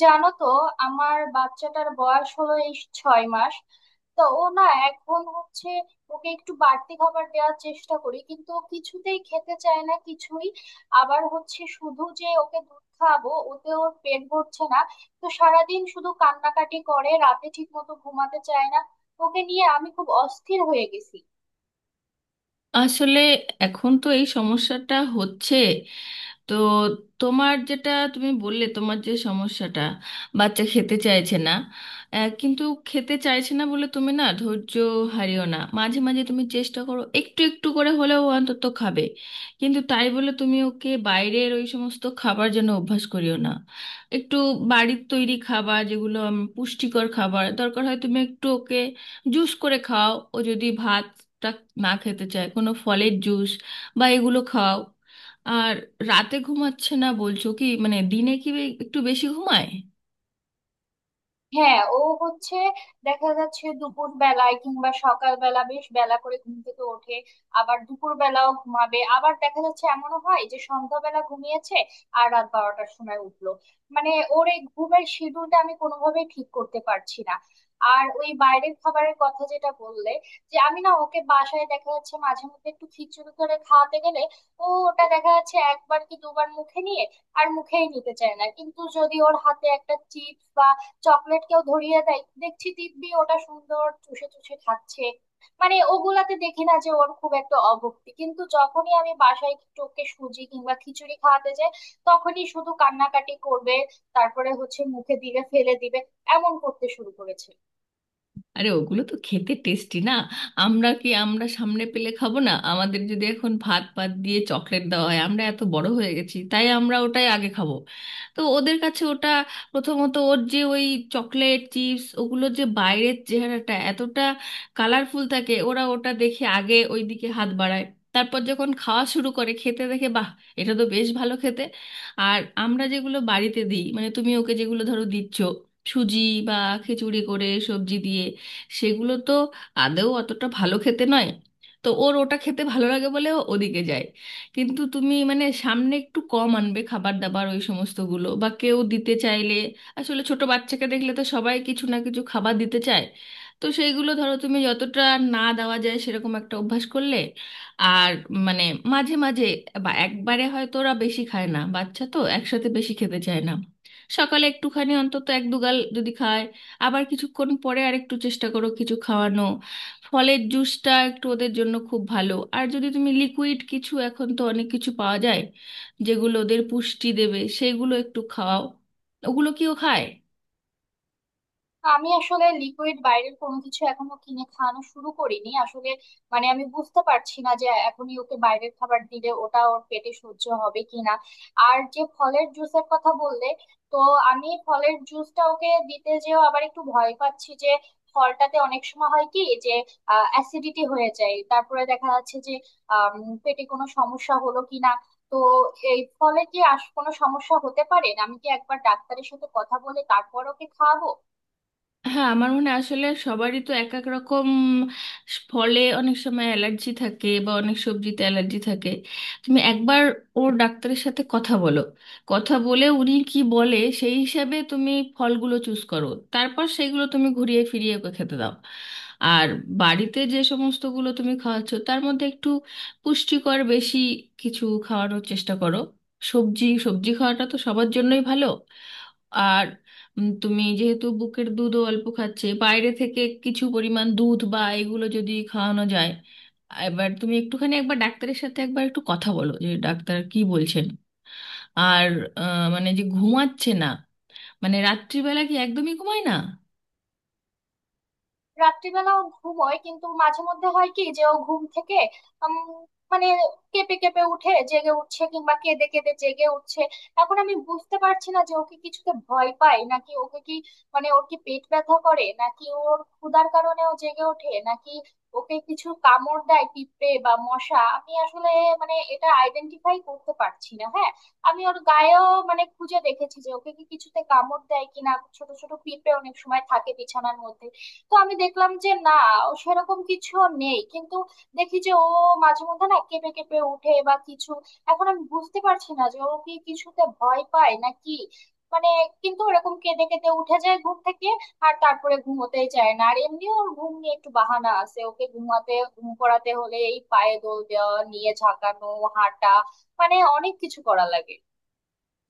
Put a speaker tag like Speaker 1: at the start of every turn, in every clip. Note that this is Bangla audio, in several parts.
Speaker 1: জানো তো, আমার বাচ্চাটার বয়স হলো এই 6 মাস। তো ও না, এখন হচ্ছে ওকে একটু বাড়তি খাবার দেওয়ার চেষ্টা করি কিন্তু ও কিছুতেই খেতে চায় না কিছুই। আবার হচ্ছে শুধু যে ওকে দুধ খাওয়াবো ওতে ওর পেট ভরছে না। তো সারাদিন শুধু কান্নাকাটি করে, রাতে ঠিক মতো ঘুমাতে চায় না। ওকে নিয়ে আমি খুব অস্থির হয়ে গেছি।
Speaker 2: আসলে এখন তো এই সমস্যাটা হচ্ছে, তো তোমার যেটা তুমি বললে, তোমার যে সমস্যাটা বাচ্চা খেতে চাইছে না। কিন্তু খেতে চাইছে না বলে তুমি না ধৈর্য হারিও না। মাঝে মাঝে তুমি চেষ্টা করো, একটু একটু করে হলেও ও অন্তত খাবে। কিন্তু তাই বলে তুমি ওকে বাইরের ওই সমস্ত খাবার যেন অভ্যাস করিও না। একটু বাড়ির তৈরি খাবার, যেগুলো পুষ্টিকর খাবার দরকার হয়, তুমি একটু ওকে জুস করে খাও। ও যদি ভাতটা না খেতে চায়, কোনো ফলের জুস বা এগুলো খাও। আর রাতে ঘুমাচ্ছে না বলছো, কি মানে দিনে কি একটু বেশি ঘুমায়?
Speaker 1: হ্যাঁ, ও হচ্ছে দেখা যাচ্ছে দুপুর বেলায় কিংবা সকাল বেলা বেশ বেলা করে ঘুম থেকে ওঠে। আবার দুপুর বেলাও ঘুমাবে, আবার দেখা যাচ্ছে এমনও হয় যে সন্ধ্যাবেলা ঘুমিয়েছে আর রাত 12টার সময় উঠলো। মানে, ওর এই ঘুমের শিডিউলটা আমি কোনোভাবেই ঠিক করতে পারছি না। আর ওই বাইরের খাবারের কথা যেটা বললে, যে আমি না ওকে বাসায় দেখা যাচ্ছে মাঝে মধ্যে একটু খিচুড়ি করে খাওয়াতে গেলে ও ওটা দেখা যাচ্ছে একবার কি দুবার মুখে নিয়ে আর মুখেই নিতে চায় না। কিন্তু যদি ওর হাতে একটা চিপস চকলেট কেউ ধরিয়ে দেয় দেখছি দিব্যি ওটা সুন্দর চুষে চুষে খাচ্ছে। মানে ওগুলাতে দেখি না যে ওর খুব একটা অভক্তি, কিন্তু যখনই আমি বাসায় একটু ওকে সুজি কিংবা খিচুড়ি খাওয়াতে যাই তখনই শুধু কান্নাকাটি করবে। তারপরে হচ্ছে মুখে দিলে ফেলে দিবে, এমন করতে শুরু করেছে।
Speaker 2: আরে ওগুলো তো খেতে টেস্টি না। আমরা কি আমরা সামনে পেলে খাবো না? আমাদের যদি এখন ভাত ভাত দিয়ে চকলেট দেওয়া হয়, আমরা এত বড় হয়ে গেছি তাই আমরা ওটাই আগে খাবো। তো ওদের কাছে ওটা প্রথমত ওর যে ওই চকলেট চিপস ওগুলো যে বাইরের চেহারাটা এতটা কালারফুল থাকে, ওরা ওটা দেখে আগে ওই দিকে হাত বাড়ায়। তারপর যখন খাওয়া শুরু করে, খেতে দেখে বাহ, এটা তো বেশ ভালো খেতে। আর আমরা যেগুলো বাড়িতে দিই, মানে তুমি ওকে যেগুলো ধরো দিচ্ছ, সুজি বা খিচুড়ি করে সবজি দিয়ে, সেগুলো তো আদৌ অতটা ভালো খেতে নয়। তো ওর ওটা খেতে ভালো লাগে বলে ও ওদিকে যায়। কিন্তু তুমি মানে সামনে একটু কম আনবে খাবার দাবার ওই সমস্তগুলো, বা কেউ দিতে চাইলে, আসলে ছোট বাচ্চাকে দেখলে তো সবাই কিছু না কিছু খাবার দিতে চায়, তো সেইগুলো ধরো তুমি যতটা না দেওয়া যায় সেরকম একটা অভ্যাস করলে। আর মানে মাঝে মাঝে বা একবারে হয়তো ওরা বেশি খায় না, বাচ্চা তো একসাথে বেশি খেতে চায় না। সকালে একটুখানি অন্তত এক দুগাল যদি খায়, আবার কিছুক্ষণ পরে আরেকটু চেষ্টা করো কিছু খাওয়ানো। ফলের জুসটা একটু ওদের জন্য খুব ভালো। আর যদি তুমি লিকুইড কিছু, এখন তো অনেক কিছু পাওয়া যায় যেগুলো ওদের পুষ্টি দেবে, সেগুলো একটু খাওয়াও। ওগুলো কিও খায়?
Speaker 1: আমি আসলে লিকুইড বাইরের কোনো কিছু এখনো কিনে খাওয়ানো শুরু করিনি আসলে। মানে, আমি বুঝতে পারছি না যে এখনই ওকে বাইরের খাবার দিলে ওটা ওর পেটে সহ্য হবে কিনা। আর যে ফলের জুসের কথা বললে, তো আমি ফলের জুসটা ওকে দিতে যেও আবার একটু ভয় পাচ্ছি যে ফলটাতে অনেক সময় হয় কি, যে অ্যাসিডিটি হয়ে যায়, তারপরে দেখা যাচ্ছে যে আম, পেটে কোনো সমস্যা হলো কিনা। তো এই ফলে কি কোনো সমস্যা হতে পারে, আমি কি একবার ডাক্তারের সাথে কথা বলে তারপর ওকে খাওয়াবো?
Speaker 2: হ্যাঁ, আমার মনে হয় আসলে সবারই তো এক এক রকম, ফলে অনেক সময় অ্যালার্জি থাকে বা অনেক সবজিতে অ্যালার্জি থাকে। তুমি একবার ওর ডাক্তারের সাথে কথা বলো। কথা বলে উনি কি বলে সেই হিসাবে তুমি ফলগুলো চুজ করো। তারপর সেইগুলো তুমি ঘুরিয়ে ফিরিয়ে ওকে খেতে দাও। আর বাড়িতে যে সমস্তগুলো তুমি খাওয়াচ্ছ তার মধ্যে একটু পুষ্টিকর বেশি কিছু খাওয়ানোর চেষ্টা করো। সবজি সবজি খাওয়াটা তো সবার জন্যই ভালো। আর তুমি যেহেতু বুকের দুধও অল্প খাচ্ছে, বাইরে থেকে কিছু পরিমাণ দুধ বা এগুলো যদি খাওয়ানো যায়। এবার তুমি একটুখানি একবার ডাক্তারের সাথে একবার একটু কথা বলো যে ডাক্তার কি বলছেন। আর মানে যে ঘুমাচ্ছে না, মানে রাত্রিবেলা কি একদমই ঘুমায় না?
Speaker 1: রাত্রিবেলা ও ঘুমোয় কিন্তু মাঝে মধ্যে হয় কি যে ও ঘুম থেকে উম, মানে কেঁপে কেঁপে উঠে জেগে উঠছে কিংবা কেঁদে কেঁদে জেগে উঠছে। এখন আমি বুঝতে পারছি না যে ওকে কিছুতে ভয় পায় নাকি, ওকে কি মানে ওর কি পেট ব্যথা করে নাকি ওর ক্ষুধার কারণে ও জেগে ওঠে নাকি ওকে কিছু কামড় দেয় পিঁপড়ে বা মশা। আমি আসলে মানে এটা আইডেন্টিফাই করতে পারছি না। হ্যাঁ, আমি ওর গায়েও মানে খুঁজে দেখেছি যে ওকে কি কিছুতে কামড় দেয় কিনা। ছোট ছোট পিঁপড়ে অনেক সময় থাকে বিছানার মধ্যে। তো আমি দেখলাম যে না, ও সেরকম কিছু নেই। কিন্তু দেখি যে ও মাঝে মধ্যে না কেঁপে কেঁপে উঠে বা কিছু। এখন আমি বুঝতে পারছি না যে ও কি কিছুতে ভয় পায় না কি, মানে, কিন্তু ওরকম কেঁদে কেঁদে উঠে যায় ঘুম থেকে। আর তারপরে ঘুমোতেই চায় না, আর এমনি ওর ঘুম নিয়ে একটু বাহানা আছে, ওকে ঘুমাতে ঘুম করাতে হলে এই পায়ে দোল দেওয়া নিয়ে ঝাঁকানো, হাঁটা, মানে অনেক কিছু করা লাগে।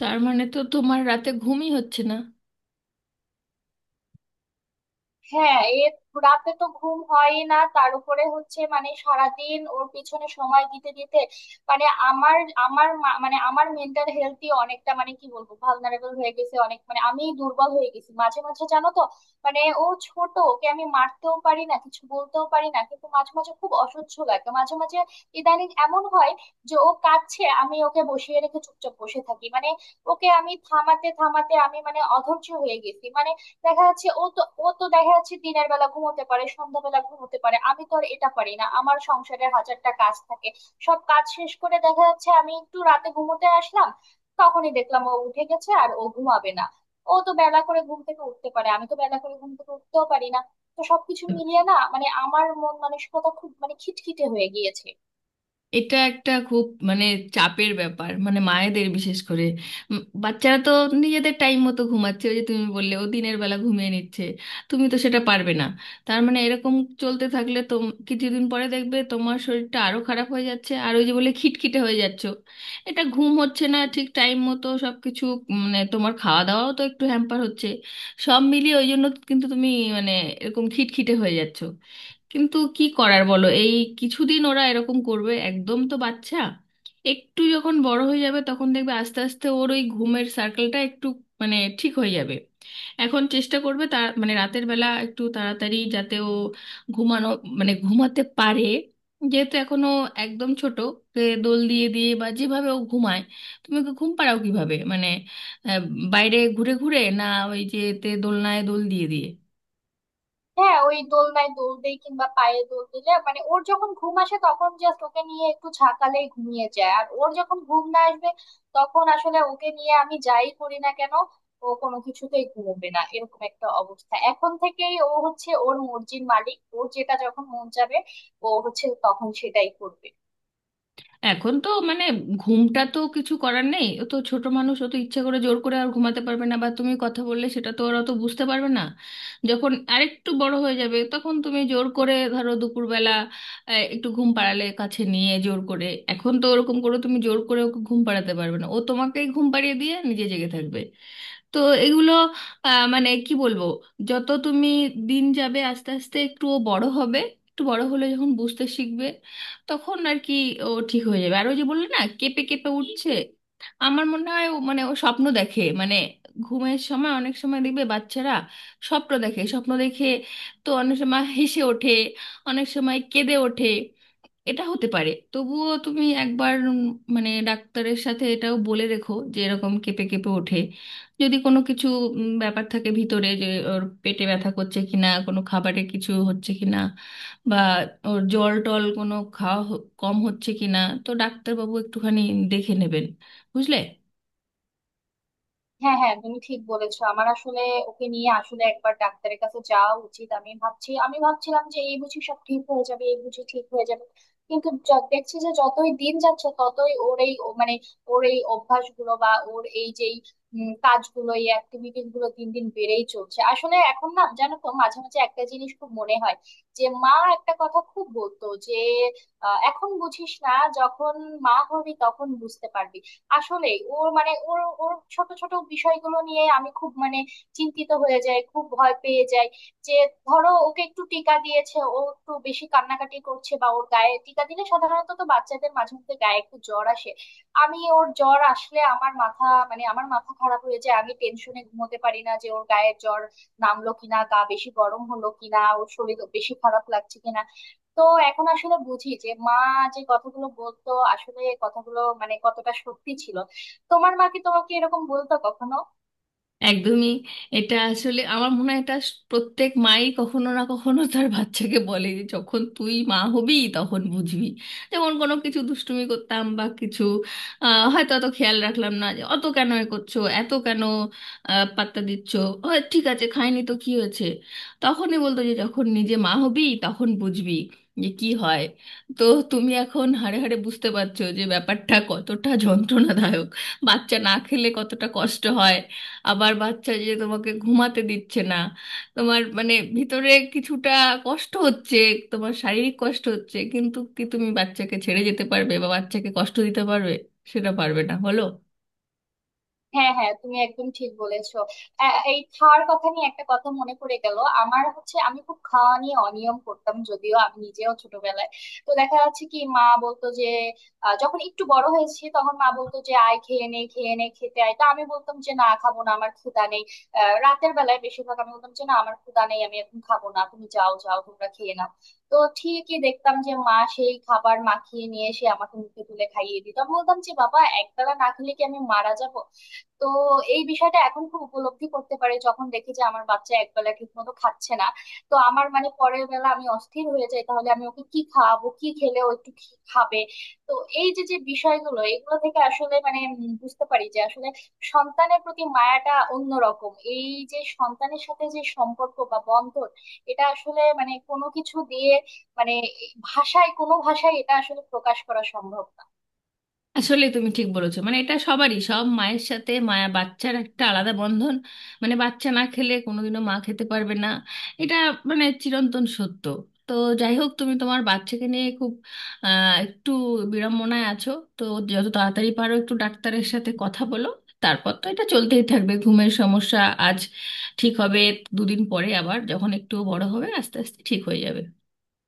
Speaker 2: তার মানে তো তোমার রাতে ঘুমই হচ্ছে না।
Speaker 1: হ্যাঁ, এর রাতে তো ঘুম হয়ই না, তার উপরে হচ্ছে মানে সারাদিন ওর পিছনে সময় দিতে দিতে মানে আমার আমার মানে আমার মেন্টাল হেলথই অনেকটা মানে কি বলবো ভালনারেবল হয়ে গেছে, অনেক মানে আমি দুর্বল হয়ে গেছি মাঝে মাঝে, জানো তো। মানে ও ছোট, ওকে আমি মারতেও পারি না কিছু বলতেও পারি না কিন্তু মাঝে মাঝে খুব অসহ্য লাগে মাঝে মাঝে। ইদানিং এমন হয় যে ও কাঁদছে আমি ওকে বসিয়ে রেখে চুপচাপ বসে থাকি, মানে ওকে আমি থামাতে থামাতে আমি মানে অধৈর্য হয়ে গেছি। মানে দেখা যাচ্ছে ও তো দেখা যাচ্ছে দিনের বেলা ঘুমোতে পারে, সন্ধ্যাবেলা ঘুমোতে পারে, আমি তো আর এটা পারি না, আমার সংসারের হাজারটা কাজ থাকে। সব কাজ শেষ করে দেখা যাচ্ছে আমি একটু রাতে ঘুমোতে আসলাম, তখনই দেখলাম ও উঠে গেছে আর ও ঘুমাবে না। ও তো বেলা করে ঘুম থেকে উঠতে পারে, আমি তো বেলা করে ঘুম থেকে উঠতেও পারি না। তো সবকিছু মিলিয়ে না মানে আমার মন মানসিকতা খুব মানে খিটখিটে হয়ে গিয়েছে।
Speaker 2: এটা একটা খুব মানে চাপের ব্যাপার, মানে মায়েদের বিশেষ করে। বাচ্চারা তো নিজেদের টাইম মতো ঘুমাচ্ছে, ওই যে তুমি বললে ও দিনের বেলা ঘুমিয়ে নিচ্ছে, তুমি তো সেটা পারবে না। তার মানে এরকম চলতে থাকলে তো কিছুদিন পরে দেখবে তোমার শরীরটা আরো খারাপ হয়ে যাচ্ছে, আর ওই যে বলে খিটখিটে হয়ে যাচ্ছ। এটা ঘুম হচ্ছে না ঠিক টাইম মতো সব কিছু, মানে তোমার খাওয়া দাওয়াও তো একটু হ্যাম্পার হচ্ছে, সব মিলিয়ে ওই জন্য কিন্তু তুমি মানে এরকম খিটখিটে হয়ে যাচ্ছ। কিন্তু কি করার বলো, এই কিছুদিন ওরা এরকম করবে, একদম তো বাচ্চা। একটু যখন বড় হয়ে যাবে তখন দেখবে আস্তে আস্তে ওর ওই ঘুমের সার্কেলটা একটু মানে ঠিক হয়ে যাবে। এখন চেষ্টা করবে, তার মানে রাতের বেলা একটু তাড়াতাড়ি যাতে ও ঘুমানো মানে ঘুমাতে পারে। যেহেতু এখনো একদম ছোট, ওকে দোল দিয়ে দিয়ে বা যেভাবে ও ঘুমায়, তুমি ওকে ঘুম পাড়াও কিভাবে মানে? আহ, বাইরে ঘুরে ঘুরে না ওই যে তে দোলনায় দোল দিয়ে দিয়ে?
Speaker 1: হ্যাঁ, ওই দোলনায় দোল দেই কিংবা পায়ে দোল দিলে মানে ওর যখন ঘুম আসে তখন জাস্ট ওকে নিয়ে একটু ঝাঁকালেই ঘুমিয়ে যায়, আর ওর যখন ঘুম না আসবে তখন আসলে ওকে নিয়ে আমি যাই করি না কেন ও কোনো কিছুতেই ঘুমোবে না। এরকম একটা অবস্থা, এখন থেকেই ও হচ্ছে ওর মর্জির মালিক, ওর যেটা যখন মন যাবে ও হচ্ছে তখন সেটাই করবে।
Speaker 2: এখন তো মানে ঘুমটা তো কিছু করার নেই, ও তো ছোট মানুষ, ও তো ইচ্ছে করে জোর করে আর ঘুমাতে পারবে না, বা তুমি কথা বললে সেটা তো ওরা তো বুঝতে পারবে না। যখন আরেকটু বড় হয়ে যাবে তখন তুমি জোর করে ধরো দুপুরবেলা একটু ঘুম পাড়ালে কাছে নিয়ে জোর করে। এখন তো ওরকম করে তুমি জোর করে ওকে ঘুম পাড়াতে পারবে না, ও তোমাকেই ঘুম পাড়িয়ে দিয়ে নিজে জেগে থাকবে। তো এগুলো মানে কি বলবো, যত তুমি দিন যাবে আস্তে আস্তে একটু ও বড় হবে, একটু বড় হলে যখন বুঝতে শিখবে তখন আর কি ও ঠিক হয়ে যাবে। আর ওই যে বললে না কেঁপে কেঁপে উঠছে, আমার মনে হয় ও মানে ও স্বপ্ন দেখে, মানে ঘুমের সময় অনেক সময় দেখবে বাচ্চারা স্বপ্ন দেখে স্বপ্ন দেখে, তো অনেক সময় হেসে ওঠে, অনেক সময় কেঁদে ওঠে। এটা হতে পারে, তবুও তুমি একবার মানে ডাক্তারের সাথে এটাও বলে রেখো যে এরকম কেঁপে কেঁপে ওঠে, যদি কোনো কিছু ব্যাপার থাকে ভিতরে, যে ওর পেটে ব্যথা করছে কিনা, কোনো খাবারে কিছু হচ্ছে কিনা, বা ওর জল টল কোনো খাওয়া কম হচ্ছে কিনা, তো ডাক্তারবাবু একটুখানি দেখে নেবেন, বুঝলে?
Speaker 1: হ্যাঁ হ্যাঁ, তুমি ঠিক বলেছো। আমার আসলে ওকে নিয়ে আসলে একবার ডাক্তারের কাছে যাওয়া উচিত, আমি ভাবছি, আমি ভাবছিলাম যে এই বুঝি সব ঠিক হয়ে যাবে এই বুঝি ঠিক হয়ে যাবে। কিন্তু দেখছি যে যতই দিন যাচ্ছে ততই ওর এই ও মানে ওর এই অভ্যাসগুলো বা ওর এই যেই কাজগুলো এই অ্যাক্টিভিটিস গুলো দিন দিন বেড়েই চলছে আসলে। এখন না জানো তো মাঝে মাঝে একটা জিনিস খুব মনে হয় যে মা একটা কথা খুব বলতো যে এখন বুঝিস না, যখন মা হবি তখন বুঝতে পারবি। আসলে ওর মানে ওর ওর ছোট ছোট বিষয়গুলো নিয়ে আমি খুব মানে চিন্তিত হয়ে যাই খুব ভয় পেয়ে যাই। যে ধরো ওকে একটু টিকা দিয়েছে ও একটু বেশি কান্নাকাটি করছে বা ওর গায়ে টিকা দিলে সাধারণত তো বাচ্চাদের মাঝে মধ্যে গায়ে একটু জ্বর আসে। আমি ওর জ্বর আসলে আমার মাথা মানে আমার মাথা খারাপ হয়ে যায়, আমি টেনশনে ঘুমোতে পারি না যে ওর গায়ে জ্বর নামলো কিনা, গা বেশি গরম হলো কিনা, ওর শরীর বেশি খারাপ লাগছে কিনা। তো এখন আসলে বুঝি যে মা যে কথাগুলো বলতো আসলে এই কথাগুলো মানে কতটা সত্যি ছিল। তোমার মা কি তোমাকে এরকম বলতো কখনো?
Speaker 2: একদমই। এটা আসলে আমার মনে হয় এটা প্রত্যেক মাই কখনো না কখনো তার বাচ্চাকে বলে যে যখন তুই মা হবি তখন বুঝবি। যেমন কোনো কিছু দুষ্টুমি করতাম বা কিছু হয়তো অত খেয়াল রাখলাম না, যে অত কেন এ করছো, এত কেন পাত্তা দিচ্ছ, ও, ঠিক আছে খাইনি তো কি হয়েছে, তখনই বলতো যে যখন নিজে মা হবি তখন বুঝবি যে কি হয়। তো তুমি এখন হাড়ে হাড়ে বুঝতে পারছো যে ব্যাপারটা কতটা যন্ত্রণাদায়ক, বাচ্চা না খেলে কতটা কষ্ট হয়। আবার বাচ্চা যে তোমাকে ঘুমাতে দিচ্ছে না, তোমার মানে ভিতরে কিছুটা কষ্ট হচ্ছে, তোমার শারীরিক কষ্ট হচ্ছে, কিন্তু কি তুমি বাচ্চাকে ছেড়ে যেতে পারবে, বা বাচ্চাকে কষ্ট দিতে পারবে? সেটা পারবে না বলো।
Speaker 1: হ্যাঁ হ্যাঁ, তুমি একদম ঠিক বলেছো। এই খাওয়ার কথা নিয়ে একটা কথা মনে পড়ে গেল আমার, হচ্ছে আমি খুব খাওয়া নিয়ে অনিয়ম করতাম যদিও আমি নিজেও ছোটবেলায়। তো দেখা যাচ্ছে কি মা বলতো যে যখন একটু বড় হয়েছি তখন মা বলতো যে আয় খেয়ে নে খেয়ে নে খেতে আয়, তো আমি বলতাম যে না খাবো না আমার ক্ষুধা নেই। রাতের বেলায় বেশিরভাগ আমি বলতাম যে না আমার ক্ষুধা নেই আমি এখন খাবো না তুমি যাও যাও তোমরা খেয়ে নাও। তো ঠিকই দেখতাম যে মা সেই খাবার মাখিয়ে নিয়ে এসে আমাকে মুখে তুলে খাইয়ে দিত, আমি বলতাম যে বাবা একবেলা না খেলে কি আমি মারা যাব। তো এই বিষয়টা এখন খুব উপলব্ধি করতে পারি যখন দেখি যে আমার বাচ্চা একবেলা ঠিক মতো খাচ্ছে না। তো আমার মানে পরের বেলা আমি অস্থির হয়ে যাই, তাহলে আমি ওকে কি খাওয়াবো কি খেলে ও একটু খাবে। তো এই যে যে বিষয়গুলো এগুলো থেকে আসলে মানে বুঝতে পারি যে আসলে সন্তানের প্রতি মায়াটা অন্যরকম, এই যে সন্তানের সাথে যে সম্পর্ক বা বন্ধন এটা আসলে মানে কোনো কিছু দিয়ে মানে ভাষায় কোনো ভাষায় এটা আসলে প্রকাশ করা সম্ভব না।
Speaker 2: আসলে তুমি ঠিক বলেছো, মানে এটা সবারই সব মায়ের সাথে মায়া, বাচ্চার একটা আলাদা বন্ধন, মানে বাচ্চা না খেলে কোনোদিনও মা খেতে পারবে না, এটা মানে চিরন্তন সত্য। তো যাই হোক, তুমি তোমার বাচ্চাকে নিয়ে খুব একটু বিড়ম্বনায় আছো, তো যত তাড়াতাড়ি পারো একটু ডাক্তারের সাথে কথা বলো। তারপর তো এটা চলতেই থাকবে ঘুমের সমস্যা, আজ ঠিক হবে, দুদিন পরে আবার, যখন একটু বড় হবে আস্তে আস্তে ঠিক হয়ে যাবে।